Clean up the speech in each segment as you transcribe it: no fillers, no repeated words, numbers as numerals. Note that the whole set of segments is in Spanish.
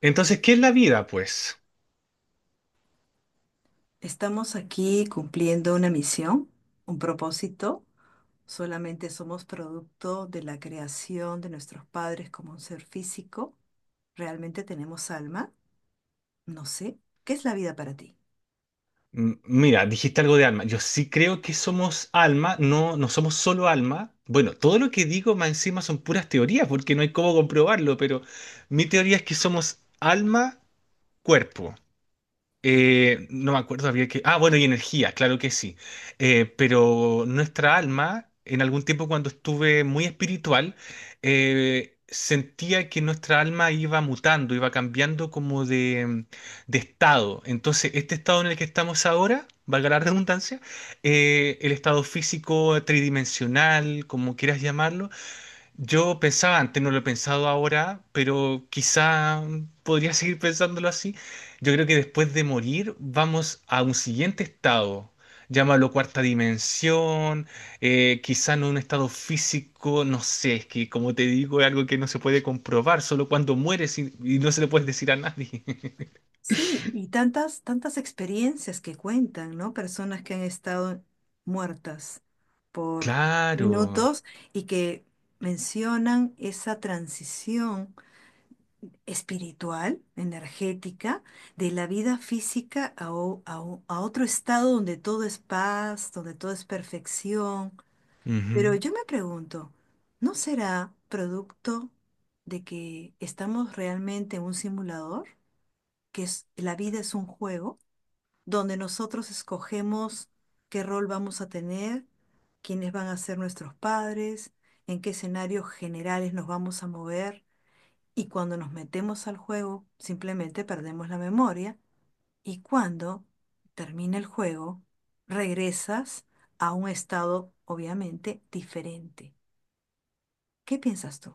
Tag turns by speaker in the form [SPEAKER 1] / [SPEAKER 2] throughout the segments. [SPEAKER 1] Entonces, ¿qué es la vida, pues?
[SPEAKER 2] Estamos aquí cumpliendo una misión, un propósito. Solamente somos producto de la creación de nuestros padres como un ser físico. ¿Realmente tenemos alma? No sé. ¿Qué es la vida para ti?
[SPEAKER 1] Mira, dijiste algo de alma. Yo sí creo que somos alma, no, no somos solo alma. Bueno, todo lo que digo más encima son puras teorías, porque no hay cómo comprobarlo, pero mi teoría es que somos alma, cuerpo. No me acuerdo, había que... Ah, bueno, y energía, claro que sí. Pero nuestra alma, en algún tiempo cuando estuve muy espiritual, sentía que nuestra alma iba mutando, iba cambiando como de estado. Entonces, este estado en el que estamos ahora, valga la redundancia, el estado físico tridimensional, como quieras llamarlo, yo pensaba antes, no lo he pensado ahora, pero quizá podría seguir pensándolo así. Yo creo que después de morir vamos a un siguiente estado. Llámalo cuarta dimensión, quizá no un estado físico, no sé, es que como te digo es algo que no se puede comprobar, solo cuando mueres y no se le puedes decir a nadie.
[SPEAKER 2] Sí, y tantas experiencias que cuentan, ¿no? Personas que han estado muertas por
[SPEAKER 1] Claro.
[SPEAKER 2] minutos y que mencionan esa transición espiritual, energética, de la vida física a otro estado donde todo es paz, donde todo es perfección. Pero
[SPEAKER 1] Ujú.
[SPEAKER 2] yo me pregunto, ¿no será producto de que estamos realmente en un simulador? Que es, la vida es un juego donde nosotros escogemos qué rol vamos a tener, quiénes van a ser nuestros padres, en qué escenarios generales nos vamos a mover. Y cuando nos metemos al juego, simplemente perdemos la memoria. Y cuando termina el juego, regresas a un estado, obviamente, diferente. ¿Qué piensas tú?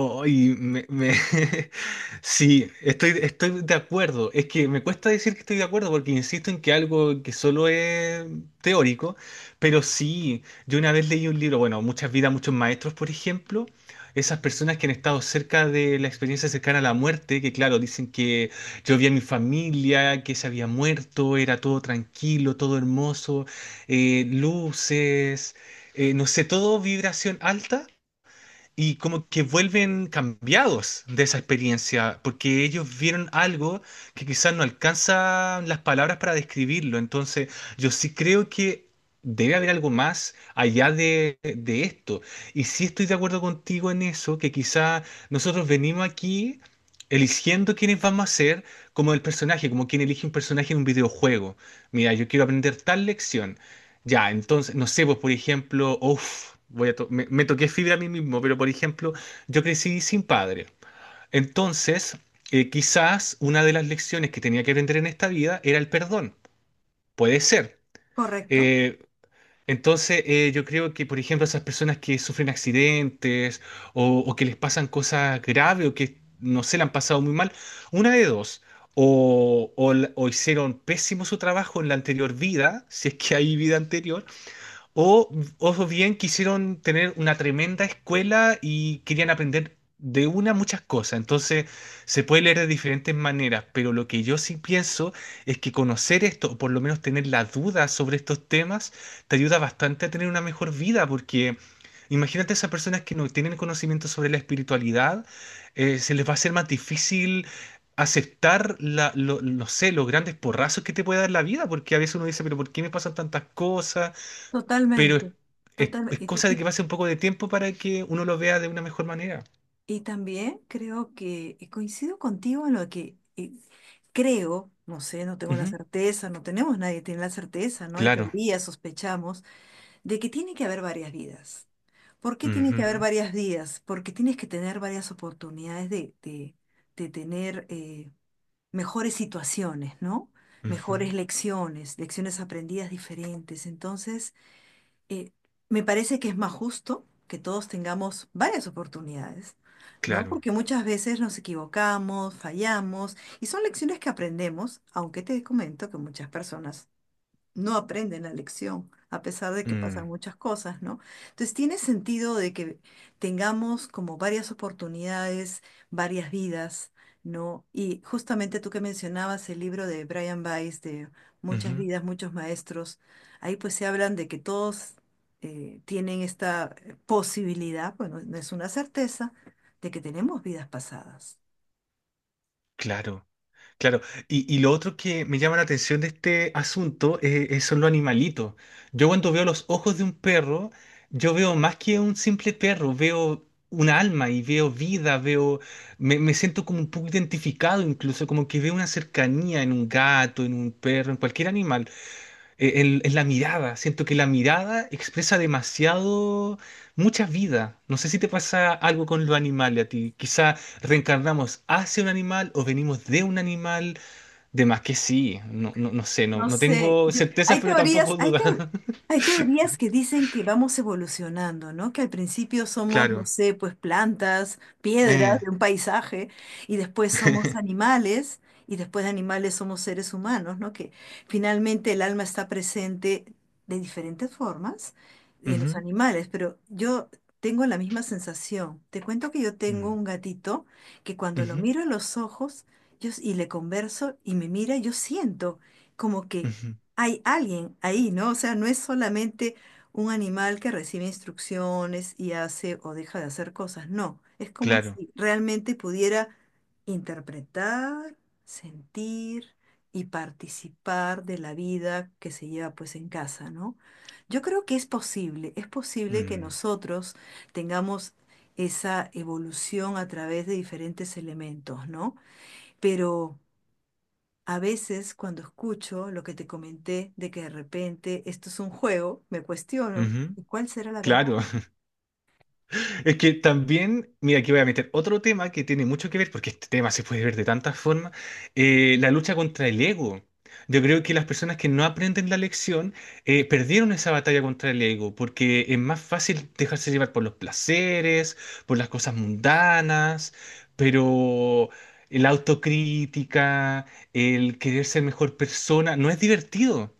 [SPEAKER 1] Ay, Sí, estoy de acuerdo. Es que me cuesta decir que estoy de acuerdo porque insisto en que algo que solo es teórico, pero sí, yo una vez leí un libro, bueno, Muchas vidas, muchos maestros, por ejemplo, esas personas que han estado cerca de la experiencia cercana a la muerte, que claro, dicen que yo vi a mi familia, que se había muerto, era todo tranquilo, todo hermoso, luces, no sé, todo vibración alta y como que vuelven cambiados de esa experiencia, porque ellos vieron algo que quizás no alcanzan las palabras para describirlo. Entonces, yo sí creo que debe haber algo más allá de esto. Y sí estoy de acuerdo contigo en eso, que quizás nosotros venimos aquí eligiendo quiénes vamos a ser como el personaje, como quien elige un personaje en un videojuego. Mira, yo quiero aprender tal lección. Ya, entonces, no sé, pues por ejemplo, uff, me toqué fibra a mí mismo, pero por ejemplo, yo crecí sin padre. Entonces, quizás una de las lecciones que tenía que aprender en esta vida era el perdón. Puede ser.
[SPEAKER 2] ¿Correcto?
[SPEAKER 1] Eh, entonces, yo creo que, por ejemplo, esas personas que sufren accidentes o que les pasan cosas graves o que no se le han pasado muy mal, una de dos. O hicieron pésimo su trabajo en la anterior vida, si es que hay vida anterior o, o bien quisieron tener una tremenda escuela y querían aprender de una muchas cosas. Entonces se puede leer de diferentes maneras, pero lo que yo sí pienso es que conocer esto, o por lo menos tener la duda sobre estos temas, te ayuda bastante a tener una mejor vida, porque imagínate esas personas que no tienen conocimiento sobre la espiritualidad, se les va a hacer más difícil aceptar no sé, los grandes porrazos que te puede dar la vida, porque a veces uno dice, pero ¿por qué me pasan tantas cosas? Pero
[SPEAKER 2] Totalmente. Total,
[SPEAKER 1] es
[SPEAKER 2] y,
[SPEAKER 1] cosa de que
[SPEAKER 2] y-
[SPEAKER 1] pase un poco de tiempo para que uno lo vea de una mejor manera.
[SPEAKER 2] y también creo que y coincido contigo en lo que creo, no sé, no tengo la
[SPEAKER 1] Ujú.
[SPEAKER 2] certeza, no tenemos nadie tiene la certeza, ¿no? Hay
[SPEAKER 1] Claro.
[SPEAKER 2] teorías, sospechamos de que tiene que haber varias vidas. ¿Por qué tiene que haber
[SPEAKER 1] Ujú,
[SPEAKER 2] varias vidas? Porque tienes que tener varias oportunidades de tener mejores situaciones, ¿no?
[SPEAKER 1] ujú.
[SPEAKER 2] Mejores lecciones, lecciones aprendidas diferentes. Entonces, eh, me parece que es más justo que todos tengamos varias oportunidades, ¿no?
[SPEAKER 1] Claro.
[SPEAKER 2] Porque muchas veces nos equivocamos, fallamos, y son lecciones que aprendemos, aunque te comento que muchas personas no aprenden la lección, a pesar de que pasan
[SPEAKER 1] Mm,
[SPEAKER 2] muchas cosas, ¿no? Entonces, tiene sentido de que tengamos como varias oportunidades, varias vidas, ¿no? Y justamente tú que mencionabas el libro de Brian Weiss, de
[SPEAKER 1] ujú.
[SPEAKER 2] Muchas vidas, muchos maestros, ahí pues se hablan de que todos tienen esta posibilidad, bueno, no es una certeza, de que tenemos vidas pasadas.
[SPEAKER 1] Claro. Claro. Y lo otro que me llama la atención de este asunto, son los animalitos. Yo cuando veo los ojos de un perro, yo veo más que un simple perro, veo una alma y veo vida, me siento como un poco identificado incluso, como que veo una cercanía en un gato, en un perro, en cualquier animal. Es la mirada, siento que la mirada expresa demasiado, muchas vidas. No sé si te pasa algo con los animales a ti. Quizá reencarnamos hacia un animal o venimos de un animal. De más que sí, no, no, no sé, no,
[SPEAKER 2] No
[SPEAKER 1] no
[SPEAKER 2] sé,
[SPEAKER 1] tengo
[SPEAKER 2] yo,
[SPEAKER 1] certezas,
[SPEAKER 2] hay
[SPEAKER 1] pero
[SPEAKER 2] teorías,
[SPEAKER 1] tampoco dudas.
[SPEAKER 2] hay teorías que dicen que vamos evolucionando, ¿no? Que al principio somos, no
[SPEAKER 1] Claro.
[SPEAKER 2] sé, pues plantas,
[SPEAKER 1] Eh.
[SPEAKER 2] piedras de un paisaje, y después somos animales, y después de animales somos seres humanos, ¿no? Que finalmente el alma está presente de diferentes formas en los
[SPEAKER 1] Ujú,
[SPEAKER 2] animales, pero yo tengo la misma sensación. Te cuento que yo tengo
[SPEAKER 1] mm,
[SPEAKER 2] un gatito que cuando lo
[SPEAKER 1] ujú,
[SPEAKER 2] miro a los ojos y le converso y me mira, yo siento como que
[SPEAKER 1] ujú.
[SPEAKER 2] hay alguien ahí, ¿no? O sea, no es solamente un animal que recibe instrucciones y hace o deja de hacer cosas, no, es como
[SPEAKER 1] Claro.
[SPEAKER 2] si realmente pudiera interpretar, sentir y participar de la vida que se lleva pues en casa, ¿no? Yo creo que es posible que
[SPEAKER 1] Mm,
[SPEAKER 2] nosotros tengamos esa evolución a través de diferentes elementos, ¿no? Pero... A veces cuando escucho lo que te comenté de que de repente esto es un juego, me cuestiono,
[SPEAKER 1] ujú.
[SPEAKER 2] ¿y cuál será la verdad?
[SPEAKER 1] Claro. Es que también, mira, aquí voy a meter otro tema que tiene mucho que ver, porque este tema se puede ver de tantas formas, la lucha contra el ego. Yo creo que las personas que no aprenden la lección, perdieron esa batalla contra el ego, porque es más fácil dejarse llevar por los placeres, por las cosas mundanas, pero la autocrítica, el querer ser mejor persona, no es divertido.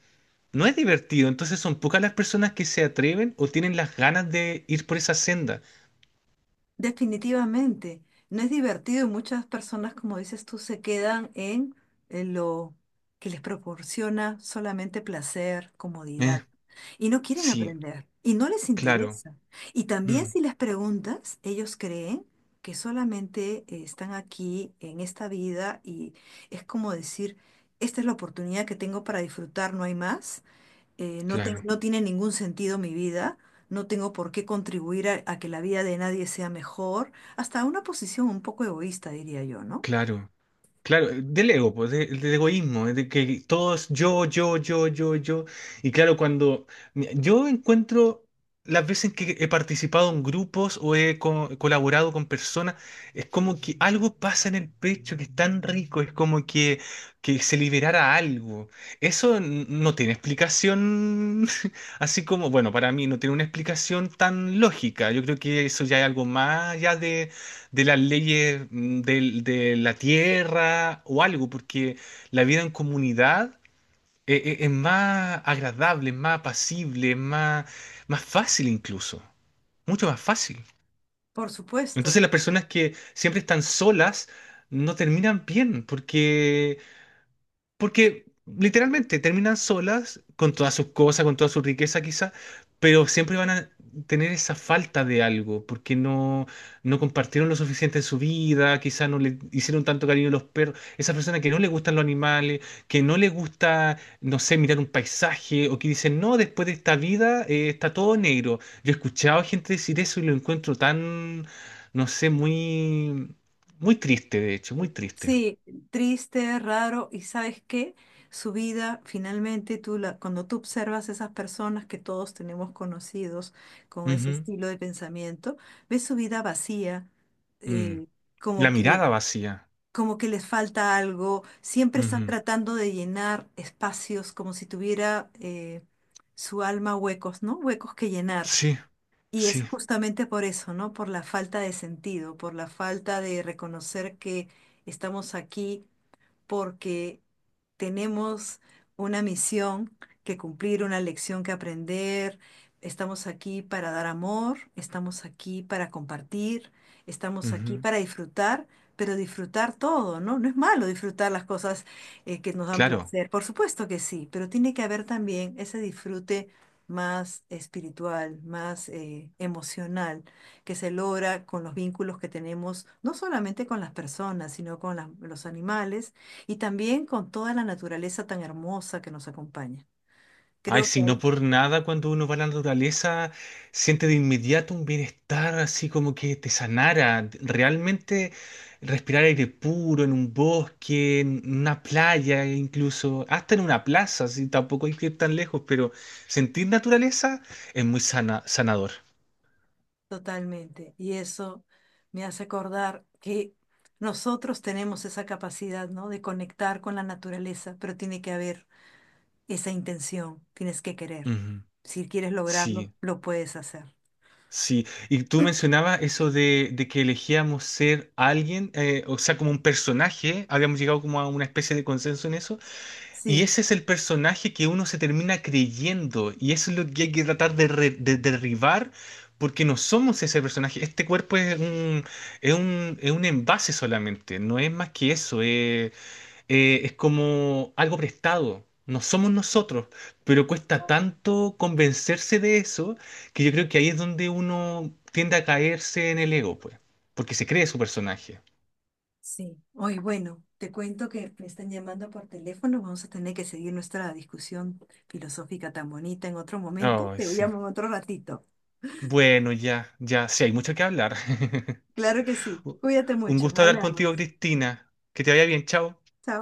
[SPEAKER 1] No es divertido, entonces son pocas las personas que se atreven o tienen las ganas de ir por esa senda.
[SPEAKER 2] Definitivamente, no es divertido y muchas personas, como dices tú, se quedan en lo que les proporciona solamente placer,
[SPEAKER 1] Eh,
[SPEAKER 2] comodidad, y no quieren
[SPEAKER 1] Sí,
[SPEAKER 2] aprender, y no les
[SPEAKER 1] claro,
[SPEAKER 2] interesa. Y también
[SPEAKER 1] mm,
[SPEAKER 2] si les preguntas, ellos creen que solamente están aquí en esta vida y es como decir, esta es la oportunidad que tengo para disfrutar, no hay más no,
[SPEAKER 1] claro,
[SPEAKER 2] no tiene ningún sentido mi vida, no tengo por qué contribuir a que la vida de nadie sea mejor, hasta una posición un poco egoísta, diría yo, ¿no?
[SPEAKER 1] claro, claro, del ego, pues, del egoísmo, de que todos yo, yo, yo, yo, yo. Y claro, cuando mira, yo encuentro las veces que he participado en grupos o he colaborado con personas, es como que algo pasa en el pecho que es tan rico, es como que se liberara algo. Eso no tiene explicación. Así como, bueno, para mí no tiene una explicación tan lógica. Yo creo que eso ya es algo más ya de las leyes de la tierra o algo, porque la vida en comunidad es más agradable, es más apacible, es más, más fácil incluso, mucho más fácil.
[SPEAKER 2] Por supuesto.
[SPEAKER 1] Entonces las personas que siempre están solas no terminan bien, porque literalmente terminan solas, con todas sus cosas, con toda su riqueza quizá, pero siempre van a tener esa falta de algo, porque no compartieron lo suficiente en su vida, quizá no le hicieron tanto cariño a los perros, esa persona que no le gustan los animales, que no le gusta, no sé, mirar un paisaje, o que dicen, no, después de esta vida, está todo negro. Yo he escuchado a gente decir eso y lo encuentro tan, no sé, muy, muy triste, de hecho, muy triste.
[SPEAKER 2] Sí, triste, raro, y ¿sabes qué? Su vida, finalmente, tú la, cuando tú observas esas personas que todos tenemos conocidos con ese estilo de pensamiento, ves su vida vacía,
[SPEAKER 1] Mm.
[SPEAKER 2] eh, como
[SPEAKER 1] La
[SPEAKER 2] que
[SPEAKER 1] mirada vacía.
[SPEAKER 2] como que les falta algo, siempre están
[SPEAKER 1] Ujú.
[SPEAKER 2] tratando de llenar espacios como si tuviera su alma huecos, ¿no? Huecos que llenar.
[SPEAKER 1] Sí,
[SPEAKER 2] Y es
[SPEAKER 1] sí.
[SPEAKER 2] justamente por eso, ¿no? Por la falta de sentido, por la falta de reconocer que estamos aquí porque tenemos una misión que cumplir, una lección que aprender. Estamos aquí para dar amor, estamos aquí para compartir, estamos aquí
[SPEAKER 1] Ujú.
[SPEAKER 2] para disfrutar, pero disfrutar todo, ¿no? No es malo disfrutar las cosas que nos dan
[SPEAKER 1] Claro.
[SPEAKER 2] placer, por supuesto que sí, pero tiene que haber también ese disfrute más espiritual, más emocional, que se logra con los vínculos que tenemos, no solamente con las personas, sino con los animales y también con toda la naturaleza tan hermosa que nos acompaña.
[SPEAKER 1] Ay,
[SPEAKER 2] Creo que
[SPEAKER 1] si
[SPEAKER 2] ahí
[SPEAKER 1] no por nada cuando uno va a la naturaleza, siente de inmediato un bienestar así como que te sanara. Realmente respirar aire puro en un bosque, en una playa e incluso, hasta en una plaza, si tampoco hay que ir tan lejos, pero sentir naturaleza es muy sana, sanador.
[SPEAKER 2] totalmente. Y eso me hace acordar que nosotros tenemos esa capacidad, ¿no? De conectar con la naturaleza, pero tiene que haber esa intención, tienes que querer.
[SPEAKER 1] Ujú.
[SPEAKER 2] Si quieres lograrlo,
[SPEAKER 1] Sí.
[SPEAKER 2] lo puedes hacer.
[SPEAKER 1] Sí, y tú mencionabas eso de que elegíamos ser alguien, o sea, como un personaje, habíamos llegado como a una especie de consenso en eso, y
[SPEAKER 2] Sí,
[SPEAKER 1] ese es el personaje que uno se termina creyendo, y eso es lo que hay que tratar de derribar, porque no somos ese personaje, este cuerpo es un envase solamente, no es más que eso, es como algo prestado. No somos nosotros, pero cuesta tanto convencerse de eso que yo creo que ahí es donde uno tiende a caerse en el ego, pues, porque se cree su personaje.
[SPEAKER 2] sí. Hoy, bueno, te cuento que me están llamando por teléfono. Vamos a tener que seguir nuestra discusión filosófica tan bonita en otro momento.
[SPEAKER 1] Ay,
[SPEAKER 2] Te
[SPEAKER 1] sí.
[SPEAKER 2] llamo en otro ratito.
[SPEAKER 1] Bueno, ya, ya, sí, hay mucho que hablar.
[SPEAKER 2] Claro que sí. Cuídate
[SPEAKER 1] Un
[SPEAKER 2] mucho.
[SPEAKER 1] gusto hablar contigo,
[SPEAKER 2] Hablamos.
[SPEAKER 1] Cristina. Que te vaya bien, chao.
[SPEAKER 2] Chao.